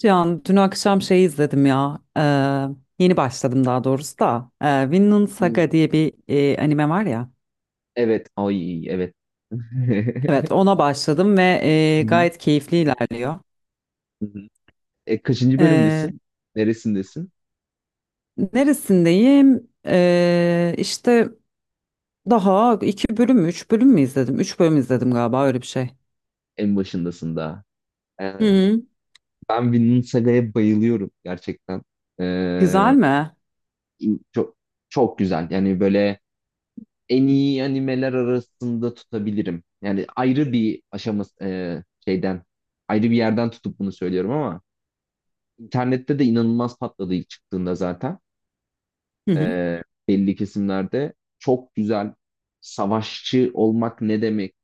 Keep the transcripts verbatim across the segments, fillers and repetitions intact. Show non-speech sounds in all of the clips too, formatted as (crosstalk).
Can, dün akşam şey izledim ya. Ee, yeni başladım daha doğrusu da. Ee, Vinland Saga Hmm. diye bir e, anime var ya. Evet. Ay evet. (laughs) Hı Evet, ona başladım ve e, hı. gayet keyifli ilerliyor. Hı hı. E, kaçıncı Ee, bölümdesin? Neresindesin? neresindeyim? Ee, işte daha iki bölüm mü, üç bölüm mü izledim? Üç bölüm izledim galiba öyle bir şey. En başındasın daha. Hı E, hı. Ben Vinland Saga'ya bayılıyorum gerçekten. E, Güzel mi? Çok çok güzel. Yani böyle en iyi animeler arasında tutabilirim. Yani ayrı bir aşaması e, şeyden ayrı bir yerden tutup bunu söylüyorum ama internette de inanılmaz patladı ilk çıktığında zaten. Hı hı. e, Belli kesimlerde çok güzel savaşçı olmak ne demek,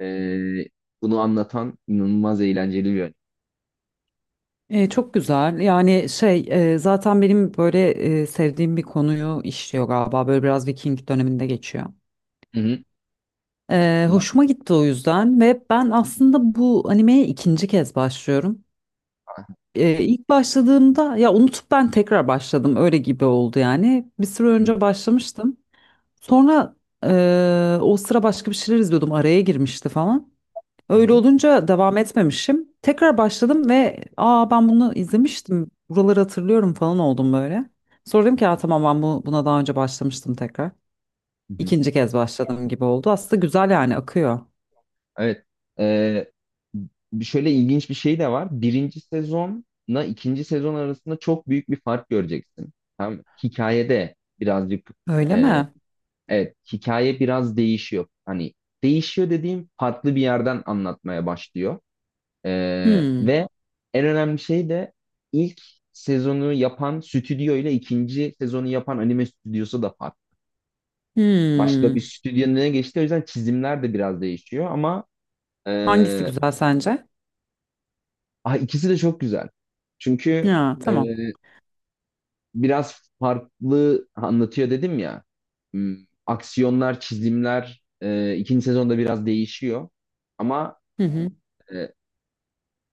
e, bunu anlatan inanılmaz eğlenceli bir yön. E, çok güzel. Yani şey e, zaten benim böyle e, sevdiğim bir konuyu işliyor galiba. Böyle biraz Viking döneminde geçiyor. Hı hı. Ee, Hı hoşuma gitti o yüzden ve ben aslında bu animeye ikinci kez başlıyorum. Ee, ilk başladığımda ya unutup ben tekrar başladım öyle gibi oldu yani. Bir süre hı, önce başlamıştım. Sonra eee, o sıra başka bir şeyler izliyordum araya girmişti falan. hı Öyle hı. olunca devam etmemişim. Tekrar başladım ve aa, ben bunu izlemiştim, buraları hatırlıyorum falan oldum böyle. Sonra dedim ki "Aa, tamam ben bu, buna daha önce başlamıştım tekrar." Hı hı. İkinci kez başladım gibi oldu. Aslında güzel yani akıyor. Evet. Ee, Bir şöyle ilginç bir şey de var. Birinci sezonla ikinci sezon arasında çok büyük bir fark göreceksin. Tamam mı? Hikayede birazcık, Öyle e, mi? evet, hikaye biraz değişiyor. Hani değişiyor dediğim farklı bir yerden anlatmaya başlıyor. Ee, Hmm. Ve en önemli şey de ilk sezonu yapan stüdyo ile ikinci sezonu yapan anime stüdyosu da farklı. Başka bir Hmm. stüdyonun önüne geçti. O yüzden çizimler de biraz değişiyor ama, e, Hangisi güzel sence? ah, ikisi de çok güzel. Çünkü Ya e, tamam. biraz farklı anlatıyor dedim ya. Hmm, Aksiyonlar, çizimler, e, ikinci sezonda biraz değişiyor. Ama Hı hı. e,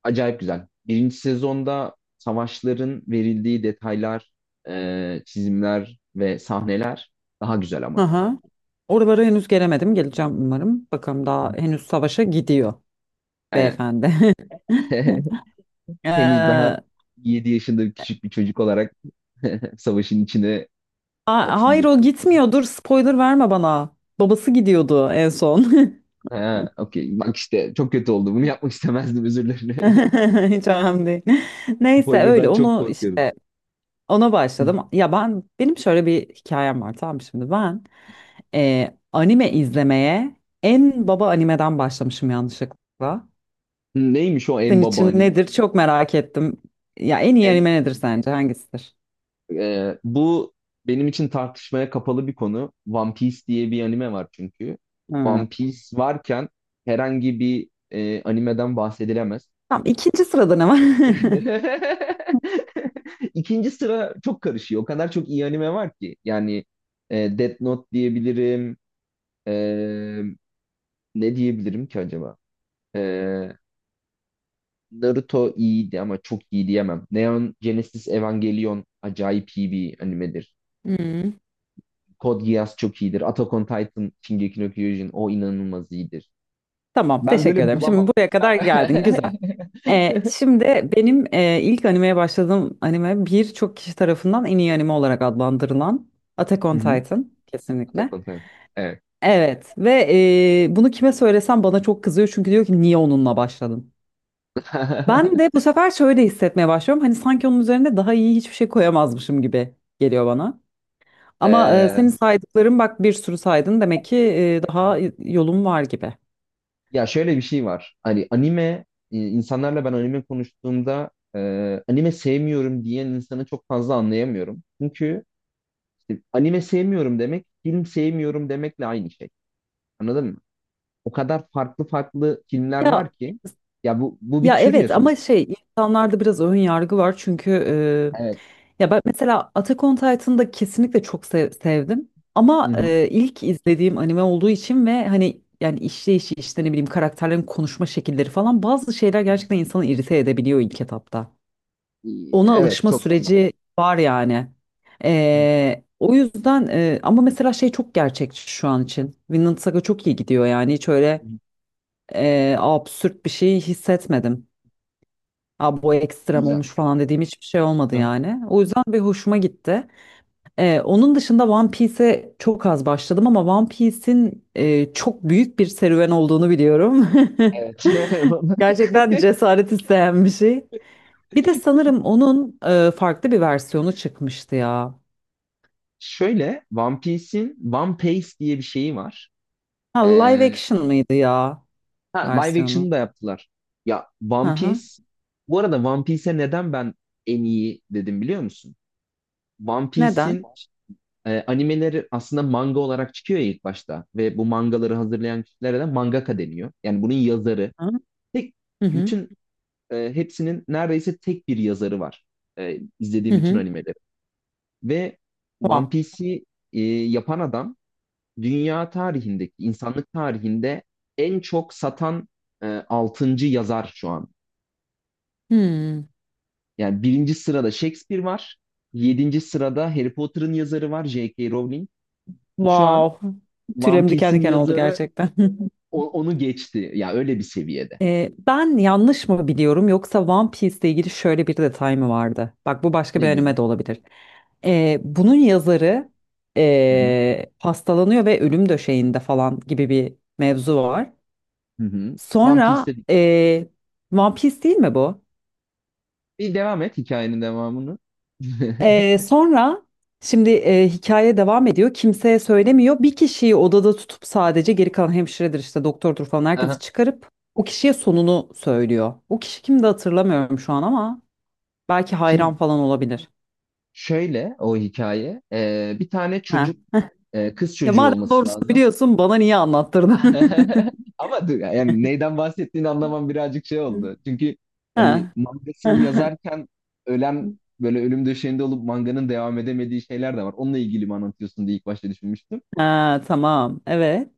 acayip güzel. Birinci sezonda savaşların verildiği detaylar, e, çizimler ve sahneler daha güzel ama. Aha. Oralara henüz gelemedim. Geleceğim umarım. Bakalım daha henüz savaşa gidiyor Aynen. beyefendi. (laughs) (laughs) Ee, Henüz daha a- yedi yaşında bir küçük bir çocuk olarak (laughs) savaşın içine hayır atılıyor. o gitmiyor. Dur spoiler verme bana. Babası gidiyordu en son. (laughs) Ha, okey. Bak işte çok kötü oldu. Bunu yapmak istemezdim, özür (laughs) dilerim. (laughs) Hiç önemli değil. Neyse öyle Spoiler'dan çok onu korkuyorum. işte. Ona başladım. Ya ben benim şöyle bir hikayem var, tamam mı? Şimdi ben e, anime izlemeye en baba animeden başlamışım yanlışlıkla. Neymiş o en Senin baba için anime? nedir? Çok merak ettim. Ya en iyi anime nedir sence? Hangisidir? Ee, bu benim için tartışmaya kapalı bir konu. One Piece diye bir anime var çünkü. Hmm. One Piece varken herhangi bir e, animeden bahsedilemez. Tamam, ikinci sırada ne var? (laughs) (laughs) İkinci sıra çok karışıyor. O kadar çok iyi anime var ki. Yani e, Death Note diyebilirim. E, Ne diyebilirim ki acaba? E, Naruto iyiydi ama çok iyi diyemem. Neon Genesis Evangelion acayip iyi bir animedir. Hmm. Code Geass çok iyidir. Attack on Titan, Shingeki no Kyojin, o inanılmaz iyidir. Tamam, Ben teşekkür böyle ederim. bulamam. Şimdi buraya kadar (laughs) geldin, güzel. E, şimdi benim e, ilk animeye başladığım anime, birçok kişi tarafından en iyi anime olarak adlandırılan Attack on Hı hı. Titan, Attack kesinlikle. on Titan. Evet. Evet, ve eee, bunu kime söylesem bana çok kızıyor, çünkü diyor ki niye onunla başladın? Ben de bu (laughs) sefer şöyle hissetmeye başlıyorum. Hani sanki onun üzerine daha iyi hiçbir şey koyamazmışım gibi geliyor bana. Ama eee, Ee, senin saydıkların, bak bir sürü saydın, demek ki eee, daha yolum var gibi. Ya şöyle bir şey var. Hani anime, e, insanlarla ben anime konuştuğumda e, anime sevmiyorum diyen insanı çok fazla anlayamıyorum. Çünkü işte anime sevmiyorum demek film sevmiyorum demekle aynı şey. Anladın mı? O kadar farklı farklı filmler Ya var ki, ya bu bu bir Ya tür ya evet, ama sonuçta. şey, insanlarda biraz ön yargı var, çünkü Evet. e, ya ben mesela Attack on Titan'ı da kesinlikle çok sev- sevdim, ama Hı hı. e, ilk izlediğim anime olduğu için ve hani yani işleyişi, işte ne bileyim, karakterlerin konuşma şekilleri falan, bazı şeyler gerçekten insanı irite edebiliyor ilk etapta. İyi, Ona evet, alışma çok normal. süreci var yani. Hı, E, o yüzden e, ama mesela şey, çok gerçekçi şu an için. Vinland Saga çok iyi gidiyor, yani hiç hı, öyle e, absürt bir şey hissetmedim. Aa, bu ekstrem güzel. olmuş falan dediğim hiçbir şey olmadı Hı, yani. O yüzden bir hoşuma gitti. Ee, onun dışında One Piece'e çok az başladım, ama One Piece'in e, çok büyük bir serüven olduğunu biliyorum. evet. (laughs) (laughs) Gerçekten cesaret isteyen bir şey. Bir de sanırım onun e, farklı bir versiyonu çıkmıştı ya. Şöyle, One Piece'in One Piece diye bir şeyi var. Ha, live Ee, action mıydı ya ha, live versiyonu? action'ı da yaptılar. Ya Hı One hı. Piece, bu arada One Piece'e neden ben en iyi dedim biliyor musun? One Neden? Piece'in e, animeleri aslında manga olarak çıkıyor ya ilk başta ve bu mangaları hazırlayan kişilere de mangaka deniyor. Yani bunun yazarı, tek Hı hı. bütün e, hepsinin neredeyse tek bir yazarı var. E, Hı izlediğim bütün hı. animelerin. Ve One Wow. Piece'i e, yapan adam, dünya tarihindeki, insanlık tarihinde en çok satan e, altıncı yazar şu an. Hmm. Yani birinci sırada Shakespeare var. Yedinci sırada Harry Potter'ın yazarı var, J K. Rowling. Şu an Wow. One Tüylerim diken Piece'in diken oldu yazarı gerçekten. (laughs) o- onu geçti. Ya, öyle bir seviyede. Ee, ben yanlış mı biliyorum, yoksa One Piece ile ilgili şöyle bir detay mı vardı? Bak, bu başka Ne bir gibi? anime de olabilir. Ee, bunun yazarı Hı hı. ee, hastalanıyor ve ölüm döşeğinde falan gibi bir mevzu var. Hı hı. One Sonra Piece'te değil. ee, One Piece değil mi bu? Bir devam et hikayenin devamını. (laughs) Ee, sonra şimdi ee, hikaye devam ediyor. Kimseye söylemiyor. Bir kişiyi odada tutup, sadece geri kalan hemşiredir işte, doktordur falan, herkesi Aha. çıkarıp o kişiye sonunu söylüyor. O kişi kimdi hatırlamıyorum şu an ama. Belki Şimdi hayran falan olabilir. şöyle o hikaye. Ee, bir tane Ha. çocuk, Ee, kız Ya çocuğu madem olması doğrusunu lazım. biliyorsun, bana niye anlattırdın? (laughs) (laughs) Ama dur, yani neyden bahsettiğini anlamam birazcık şey oldu. Çünkü hani Ha. mangasını (laughs) yazarken ölen, böyle ölüm döşeğinde olup manganın devam edemediği şeyler de var. Onunla ilgili mi anlatıyorsun diye ilk başta düşünmüştüm. Ha, tamam. Evet.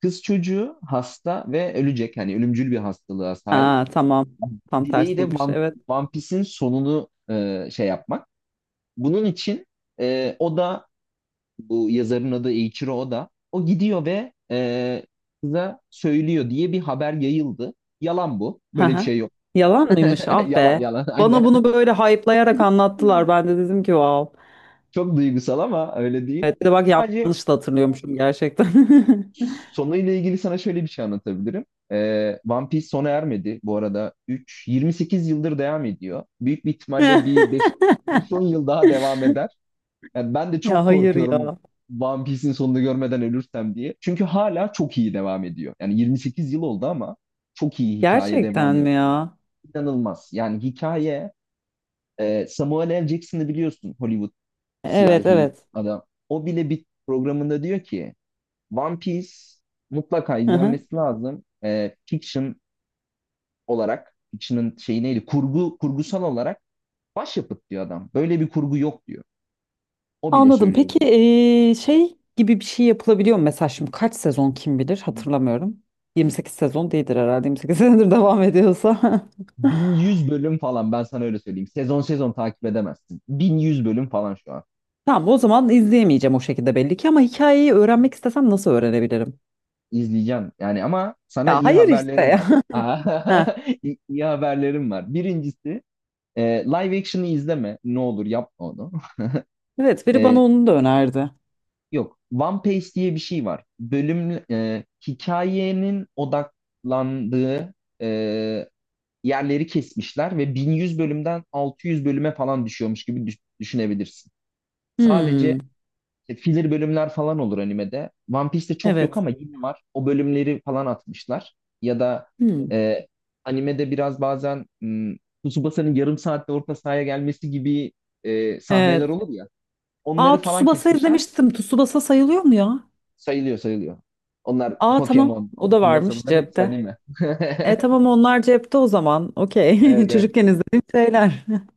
Kız çocuğu hasta ve ölecek. Hani ölümcül bir hastalığa sahip. Ha, tamam. Tam Dileği de tersiymiş. One, Evet. One Piece'in sonunu e, şey yapmak. Bunun için, e, o da, bu yazarın adı Eiichiro Oda. O gidiyor ve e, kıza söylüyor diye bir haber yayıldı. Yalan bu. Böyle bir Ha, şey yok. yalan mıymış? (laughs) Ah Yalan be. yalan (laughs) Bana aynen. bunu böyle hype'layarak anlattılar. Ben de dedim ki wow. Çok duygusal ama öyle değil. Evet, bir de bak, Sadece yanlış da hatırlıyormuşum gerçekten. (laughs) sonuyla ilgili sana şöyle bir şey anlatabilirim. E, One Piece sona ermedi bu arada. üç, yirmi sekiz yıldır devam ediyor. Büyük bir ihtimalle bir beş, 5-10 yıl daha devam eder. Yani ben de Ya çok hayır korkuyorum ya. One Piece'in sonunu görmeden ölürsem diye. Çünkü hala çok iyi devam ediyor. Yani yirmi sekiz yıl oldu ama çok iyi hikaye Gerçekten devam mi ediyor. ya? İnanılmaz. Yani hikaye, e, Samuel L. Jackson'ı biliyorsun, Hollywood Evet, siyahi evet. adam. O bile bir programında diyor ki One Piece mutlaka Hı hı. izlenmesi lazım. E, fiction olarak, fiction'ın şeyi neydi? Kurgu, kurgusal olarak başyapıt diyor adam. Böyle bir kurgu yok diyor. O bile Anladım. söylüyor Peki eee, şey gibi bir şey yapılabiliyor mu? Mesela şimdi kaç sezon, kim bilir, bunu. hatırlamıyorum. yirmi sekiz sezon değildir herhalde. yirmi sekiz (laughs) senedir devam ediyorsa. (laughs) bin yüz bölüm falan, ben sana öyle söyleyeyim. Sezon sezon takip edemezsin. bin yüz bölüm falan şu an. Tamam, o zaman izleyemeyeceğim o şekilde belli ki, ama hikayeyi öğrenmek istesem nasıl öğrenebilirim? İzleyeceğim yani ama sana Ya iyi hayır işte haberlerim ya. var. (laughs) Heh. (laughs) İyi, iyi haberlerim var. Birincisi, e, live action'ı izleme. Ne olur yapma onu. (laughs) Evet, biri bana E, onu da önerdi. Yok. One Piece diye bir şey var. Bölüm e, hikayenin odaklandığı e, yerleri kesmişler ve bin yüz bölümden altı yüz bölüme falan düşüyormuş gibi düş- düşünebilirsin. Hmm. Sadece, İşte filler bölümler falan olur animede. One Piece'te çok yok Evet. ama yine var. O bölümleri falan atmışlar. Ya da Hmm. e, animede biraz bazen, m, Tsubasa'nın yarım saatte orta sahaya gelmesi gibi e, sahneler Evet. olur ya. Onları Aa, falan Tsubasa kesmişler. izlemiştim. Tsubasa sayılıyor mu ya? Sayılıyor sayılıyor. Onlar Aa, tamam, Pokemon, o da Tsubasa, varmış bunların hepsi cepte. anime. (laughs) E tamam, onlar cepte o zaman. Okey. (laughs) Evet, evet. Çocukken izlediğim şeyler. (laughs)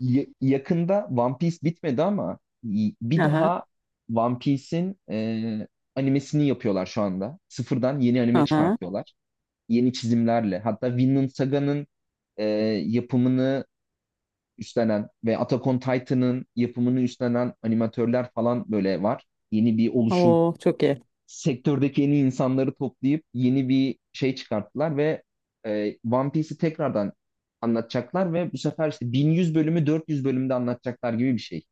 Ya- yakında One Piece bitmedi ama y- bir Aha, daha One Piece'in e, animesini yapıyorlar şu anda. Sıfırdan yeni anime aha. çıkartıyorlar, yeni çizimlerle. Hatta Vinland Saga'nın e, yapımını üstlenen ve Attack on Titan'ın yapımını üstlenen animatörler falan böyle var. Yeni bir oluşum. Oo, çok iyi. Sektördeki yeni insanları toplayıp yeni bir şey çıkarttılar ve e, One Piece'i tekrardan anlatacaklar ve bu sefer işte bin yüz bölümü dört yüz bölümde anlatacaklar gibi bir şey.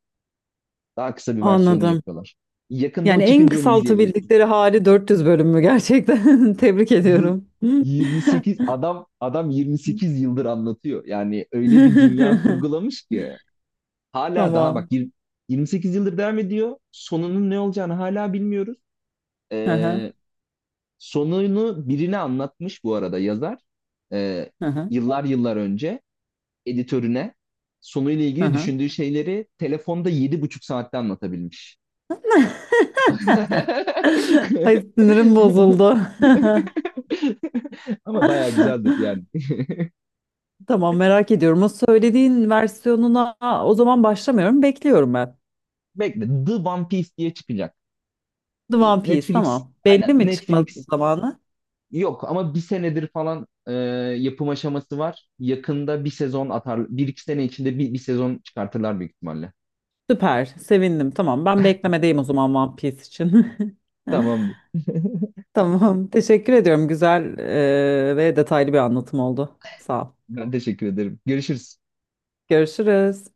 Daha kısa bir versiyonunu Anladım. yapıyorlar. Yakında Yani o en çıkınca onu izleyebilirsin. kısaltabildikleri hali dört yüz bölüm mü gerçekten? (laughs) Tebrik ediyorum. y- yirmi sekiz adam Adam yirmi sekiz yıldır anlatıyor. Yani öyle bir dünya (laughs) kurgulamış ki hala daha Tamam. bak, yir- yirmi sekiz yıldır devam ediyor. Sonunun ne olacağını hala bilmiyoruz. Aha, Ee, Sonunu birine anlatmış bu arada yazar. Ee, aha, Yıllar yıllar önce editörüne sonuyla ilgili aha. düşündüğü şeyleri telefonda yedi buçuk saatte anlatabilmiş. (laughs) Ay, (laughs) sinirim bozuldu. (laughs) Ama bayağı güzeldir yani. Tamam, merak ediyorum. O söylediğin versiyonuna o zaman başlamıyorum. Bekliyorum ben. Bekle, The One Piece diye çıkacak. The E, One Piece, Netflix, tamam. aynen Belli mi çıkma Netflix. zamanı? Yok ama bir senedir falan e, yapım aşaması var. Yakında bir sezon atar, bir iki sene içinde bir, bir sezon çıkartırlar büyük ihtimalle. Süper. Sevindim. Tamam. Ben beklemedeyim o zaman One Piece için. (laughs) Tamam. Tamam. Teşekkür ediyorum. Güzel eee, ve detaylı bir anlatım oldu. Sağ ol. Ben teşekkür ederim. Görüşürüz. Görüşürüz.